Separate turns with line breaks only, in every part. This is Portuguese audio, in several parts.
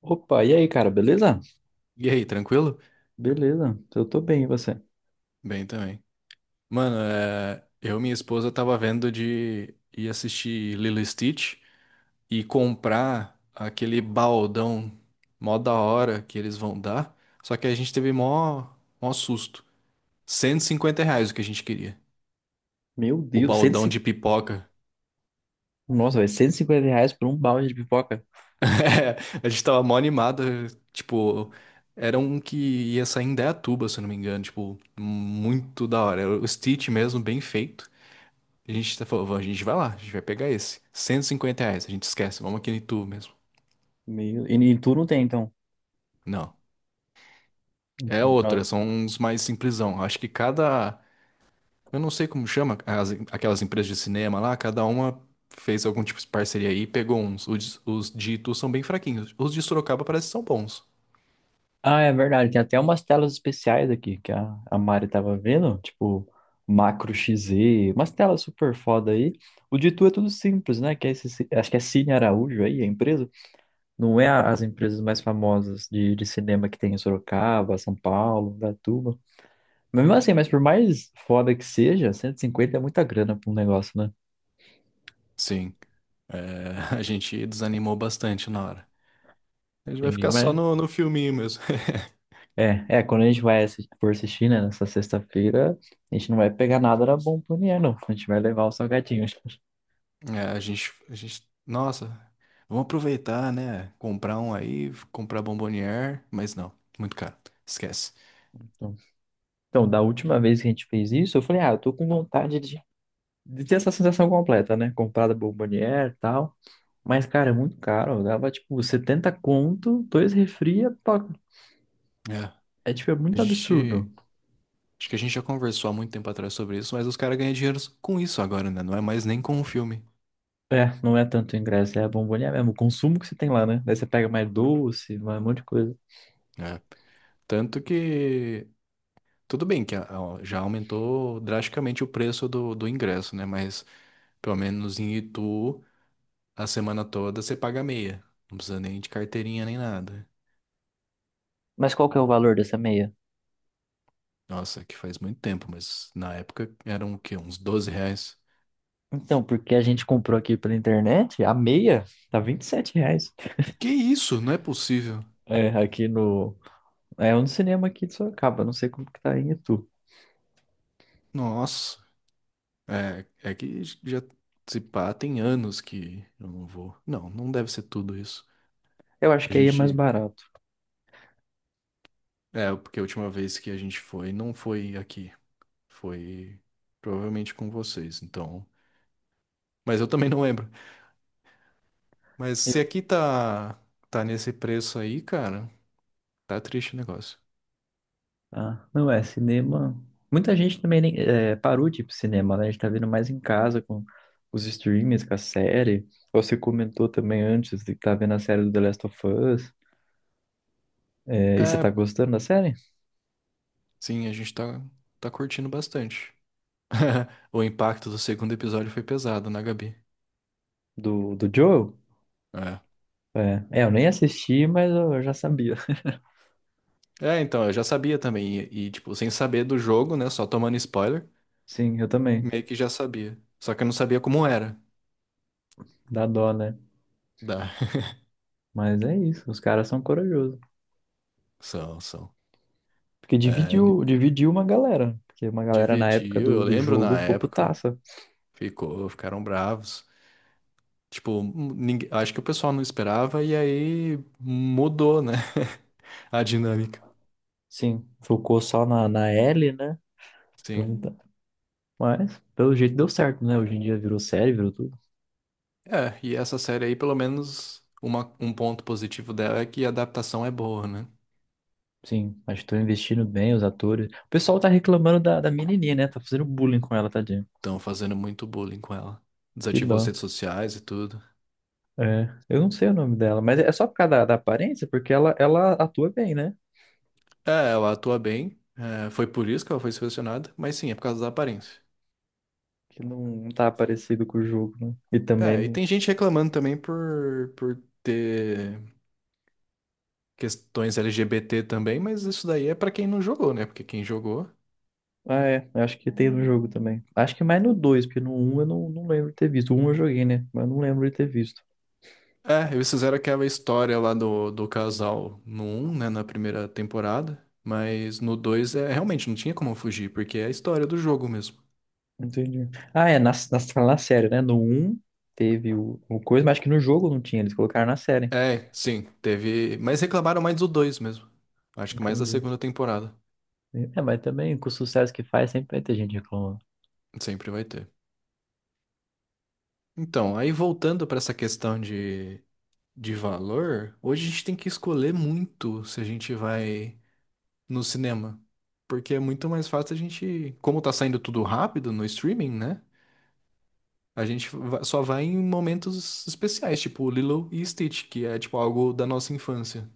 Opa, e aí, cara, beleza?
E aí, tranquilo?
Beleza, eu tô bem, e você?
Bem também. Mano, é, eu e minha esposa tava vendo de ir assistir Lilo e Stitch e comprar aquele baldão mó da hora que eles vão dar. Só que a gente teve mó susto. Cento e cinquenta reais o que a gente queria.
Meu
O
Deus,
baldão de
150...
pipoca.
Nossa, velho, R$ 150 por um balde de pipoca.
É, a gente tava mó animado. Tipo, era um que ia sair em Indaiatuba, se eu não me engano. Tipo, muito da hora. Era o Stitch mesmo, bem feito. A gente tá falando, a gente vai lá, a gente vai pegar esse. Cento e cinquenta reais, a gente esquece, vamos aqui no Itu mesmo.
Meu... E tu não tem, então?
Não. É
Entendi.
outra,
Nossa.
são uns mais simplesão. Acho que cada. Eu não sei como chama, aquelas empresas de cinema lá, cada uma fez algum tipo de parceria aí e pegou uns. Os de Itu são bem fraquinhos. Os de Sorocaba parece que são bons.
Ah, é verdade, tem até umas telas especiais aqui que a Mari tava vendo, tipo Macro XZ, umas telas super foda aí. O de tu é tudo simples, né? Que é esse, acho que é Cine Araújo aí, a empresa. Não é as empresas mais famosas de cinema que tem em Sorocaba, São Paulo, Datuba. Mesmo assim, mas por mais foda que seja, 150 é muita grana pra um negócio, né?
Sim. É, a gente desanimou bastante na hora. A gente vai
Entendi,
ficar só
mas...
no filminho mesmo.
É, quando a gente vai for assistir, né, nessa sexta-feira, a gente não vai pegar nada da bom pro dinheiro, não. A gente vai levar os salgadinhos.
É, a gente, nossa, vamos aproveitar, né? Comprar um aí, comprar bombonier, mas não, muito caro, esquece.
Então, então, da última vez que a gente fez isso, eu falei, ah, eu tô com vontade de ter essa sensação completa, né? Comprada bombonier e tal. Mas, cara, é muito caro. Dava, tipo, 70 conto, dois refri, é,
É,
é, tipo, é
a
muito
gente,
absurdo.
acho que a gente já conversou há muito tempo atrás sobre isso, mas os caras ganham dinheiro com isso agora, né? Não é mais nem com o filme.
É, não é tanto ingresso, é a bomboniere mesmo, o consumo que você tem lá, né? Daí você pega mais doce, mais um monte de coisa.
Né? Tanto que, tudo bem que já aumentou drasticamente o preço do ingresso, né? Mas pelo menos em Itu, a semana toda você paga meia, não precisa nem de carteirinha nem nada.
Mas qual que é o valor dessa meia?
Nossa, que faz muito tempo, mas na época eram o quê? Uns doze reais.
Então, porque a gente comprou aqui pela internet, a meia tá R$ 27.
Que isso? Não é possível.
É, aqui no... É um cinema aqui de Sorocaba, não sei como que tá aí em Itu.
Nossa, é que já se pá, tem anos que eu não vou. Não, não deve ser tudo isso.
Eu acho
A
que aí é mais
gente.
barato.
É, porque a última vez que a gente foi, não foi aqui. Foi provavelmente com vocês, então. Mas eu também não lembro. Mas
Eu-
se aqui tá nesse preço aí, cara, tá triste o negócio.
Ah, não é, cinema... Muita gente também é, parou de ir pro cinema, né? A gente tá vendo mais em casa com os streamings, com a série. Você comentou também antes de que tá vendo a série do The Last of Us. É, e você
É,
tá gostando da série?
sim, a gente tá curtindo bastante. O impacto do segundo episódio foi pesado, na Gabi?
Do Joel?
É.
É, eu nem assisti, mas eu já sabia.
É, então, eu já sabia também. E, tipo, sem saber do jogo, né? Só tomando spoiler,
Sim, eu também.
meio que já sabia. Só que eu não sabia como era.
Dá dó, né?
Dá.
Mas é isso, os caras são corajosos.
São, são.
Porque
É,
dividiu, dividiu uma galera. Porque uma galera na época
dividiu,
do,
eu
do
lembro
jogo
na
ficou
época.
putaça.
Ficou, ficaram bravos. Tipo, ninguém, acho que o pessoal não esperava e aí mudou, né? A dinâmica.
Sim, focou só na Ellie, né?
Sim.
Então, tá. Mas, pelo jeito, deu certo, né? Hoje em dia virou série, virou tudo.
É, e essa série aí, pelo menos, uma, um ponto positivo dela é que a adaptação é boa, né?
Sim, acho que estão investindo bem os atores. O pessoal tá reclamando da menininha, né? Tá fazendo bullying com ela, tadinha.
Estão fazendo muito bullying com ela.
Que
Desativou as
dó.
redes sociais e tudo.
É, eu não sei o nome dela, mas é só por causa da aparência, porque ela atua bem, né?
É, ela atua bem. É, foi por isso que ela foi selecionada, mas sim, é por causa da aparência.
Que não, não tá parecido com o jogo, né? E também.
É, e
Não-
tem gente reclamando também por ter questões LGBT também, mas isso daí é pra quem não jogou, né? Porque quem jogou.
Ah, é, eu acho que tem no jogo também. Acho que mais no 2, porque no um eu não lembro de ter visto. O um eu joguei, né? Mas eu não lembro de ter visto.
É, eles fizeram aquela história lá do casal no um, né? Na primeira temporada. Mas no 2 é, realmente não tinha como fugir, porque é a história do jogo mesmo.
Entendi. Ah, é, na série, né? No um teve o coisa, mas acho que no jogo não tinha, eles colocaram na série.
É, sim, teve. Mas reclamaram mais do 2 mesmo. Acho que mais da
Entendi.
segunda temporada.
É, mas também com o sucesso que faz, sempre vai ter gente reclamando.
Sempre vai ter. Então, aí voltando pra essa questão de valor, hoje a gente tem que escolher muito se a gente vai no cinema. Porque é muito mais fácil a gente. Como tá saindo tudo rápido no streaming, né? A gente só vai em momentos especiais, tipo Lilo e Stitch, que é tipo algo da nossa infância.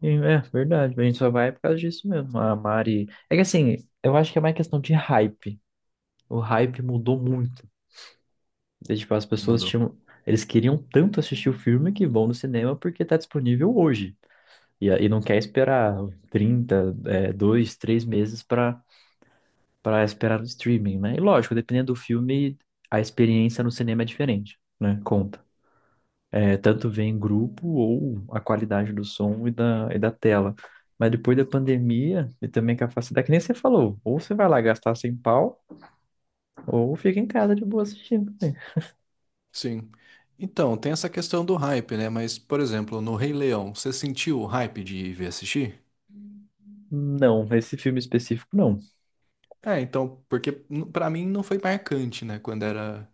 E, é verdade, a gente só vai por causa disso mesmo. A Mari. É que assim, eu acho que é mais questão de hype. O hype mudou muito. E, tipo, as pessoas
Mudou.
tinham. Eles queriam tanto assistir o filme que vão no cinema porque tá disponível hoje. E não quer esperar 30 2, 3 meses pra esperar no streaming, né? E lógico, dependendo do filme, a experiência no cinema é diferente, né? Conta. É, tanto ver em grupo ou a qualidade do som e da tela. Mas depois da pandemia e também com a facilidade, que nem você falou, ou você vai lá gastar sem pau, ou fica em casa de boa assistindo, né?
Sim. Então, tem essa questão do hype, né? Mas, por exemplo, no Rei Leão, você sentiu o hype de ver assistir?
Não, esse filme específico não.
É, então, porque pra mim não foi marcante, né? Quando era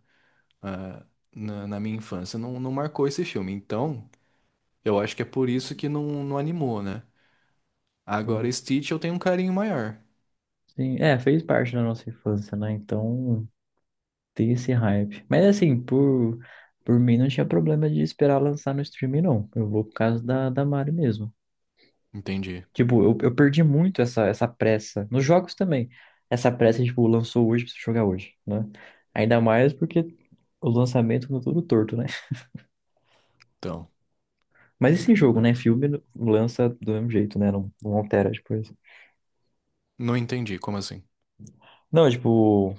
ah, na minha infância, não, não marcou esse filme. Então, eu acho que é por isso que não, não animou, né? Agora,
Sim,
Stitch eu tenho um carinho maior.
sim. É, fez parte da nossa infância, né? Então tem esse hype. Mas assim, por mim não tinha problema de esperar lançar no streaming, não. Eu vou por causa da Mari mesmo.
Entendi.
Tipo, eu perdi muito essa pressa. Nos jogos também. Essa pressa, tipo, lançou hoje, preciso jogar hoje, né? Ainda mais porque o lançamento ficou tudo torto, né?
Então,
Mas esse jogo,
é.
né? Filme lança do mesmo jeito, né? Não, não altera depois.
Não entendi, como assim?
Não, tipo,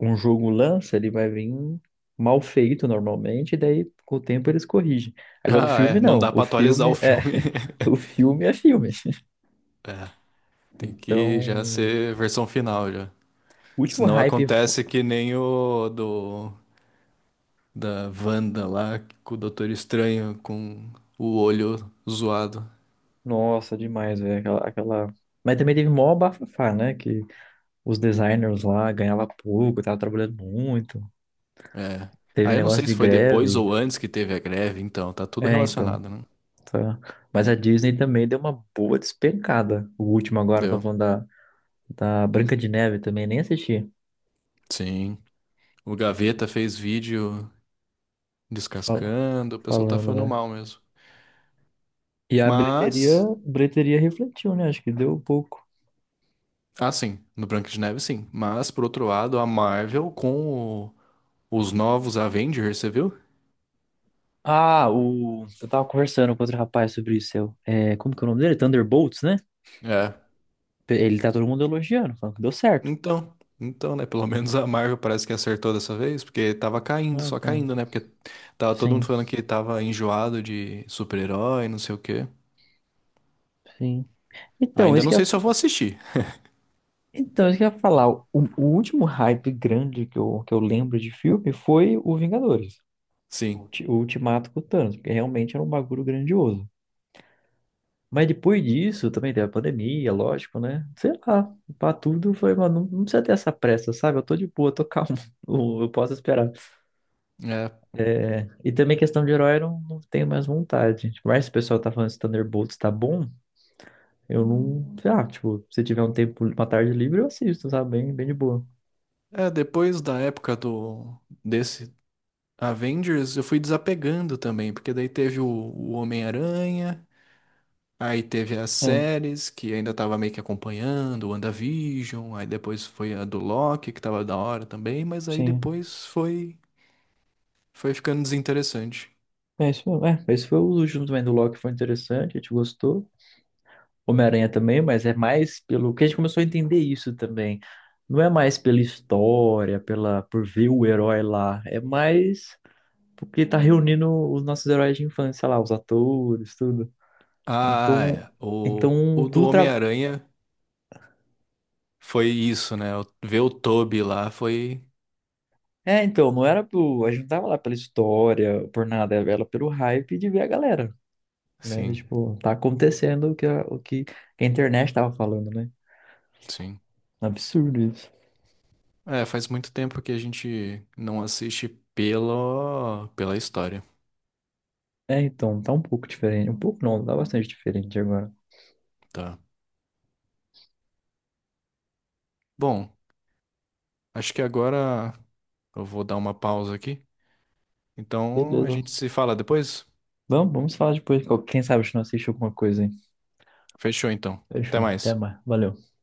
um jogo lança, ele vai vir mal feito normalmente, e daí com o tempo eles corrigem. Agora o
Ah,
filme
é, não
não.
dá
O
pra atualizar o
filme é.
filme.
O filme é filme.
É, tem que
Então,
já ser versão final já.
o último
Senão
hype
acontece que nem o do da Wanda lá, com o Doutor Estranho com o olho zoado.
Nossa, demais, velho. Aquela, aquela... Mas também teve mó bafafá, né? Que os designers lá ganhavam pouco, tava trabalhando muito.
É.
Teve
Ah,
um
eu não
negócio
sei
de
se foi depois
greve.
ou antes que teve a greve, então tá tudo
É, então,
relacionado, né?
tá. Mas a Disney também deu uma boa despencada. O último agora, estão
Deu.
falando da Branca de Neve também, nem assisti.
Sim. O Gaveta fez vídeo
Fala,
descascando, o pessoal tá
falando,
falando
né?
mal mesmo.
E a bilheteria,
Mas,
bilheteria refletiu, né? Acho que deu pouco.
ah, sim, no Branca de Neve sim, mas por outro lado, a Marvel com os novos Avengers, você viu?
Ah, o... eu tava conversando com outro rapaz sobre isso. Eu... É, como que é o nome dele? Thunderbolts, né?
É.
Ele tá todo mundo elogiando, falando que deu certo.
Então, então, né? Pelo menos a Marvel parece que acertou dessa vez, porque tava caindo,
Ah,
só
então,
caindo, né? Porque tava todo
sim,
mundo falando que tava enjoado de super-herói, não sei o quê.
sim. Então,
Ainda
isso
não
que eu,
sei se eu vou assistir.
então, isso que eu ia falar. O último hype grande que eu lembro de filme foi o Vingadores, o,
Sim.
ulti- o Ultimato com o Thanos, porque realmente era um bagulho grandioso. Mas depois disso, também teve a pandemia, lógico, né? Sei lá, pra tudo, eu falei, mano, não, não precisa ter essa pressa, sabe? Eu tô de boa, tô calmo, eu posso esperar.
É,
É, e também questão de herói, eu não tenho mais vontade. Mas se o pessoal tá falando que Thunderbolts tá bom, Eu não. Ah, tipo, se tiver um tempo, uma tarde livre, eu assisto, sabe? Bem, bem de boa.
é, depois da época do desse Avengers, eu fui desapegando também, porque daí teve o Homem-Aranha, aí teve as
É,
séries que ainda tava meio que acompanhando, o WandaVision, aí depois foi a do Loki, que tava da hora também, mas aí
sim.
depois foi ficando desinteressante.
É isso mesmo. É, esse foi o último também do Loki, foi interessante, a gente gostou. Homem-Aranha também, mas é mais pelo que a gente começou a entender isso também. Não é mais pela história, pela por ver o herói lá. É mais porque tá reunindo os nossos heróis de infância lá, os atores, tudo.
Ah,
Então,
é. O,
então,
o do
tudo tra...
Homem-Aranha foi isso, né? Ver o Toby lá foi.
É, então, não era pro. A gente não tava lá pela história, por nada, era pelo hype de ver a galera. Né?
Sim,
Tipo, tá acontecendo o que a internet tava falando, né?
sim.
Absurdo isso.
É, faz muito tempo que a gente não assiste pela história,
É, então, tá um pouco diferente. Um pouco não, tá bastante diferente agora.
tá? Bom, acho que agora eu vou dar uma pausa aqui. Então a
Beleza.
gente se fala depois?
Vamos, vamos falar depois. Quem sabe a gente não assiste alguma coisa, hein?
Fechou então. Até
Fechou. Até
mais.
mais. Valeu.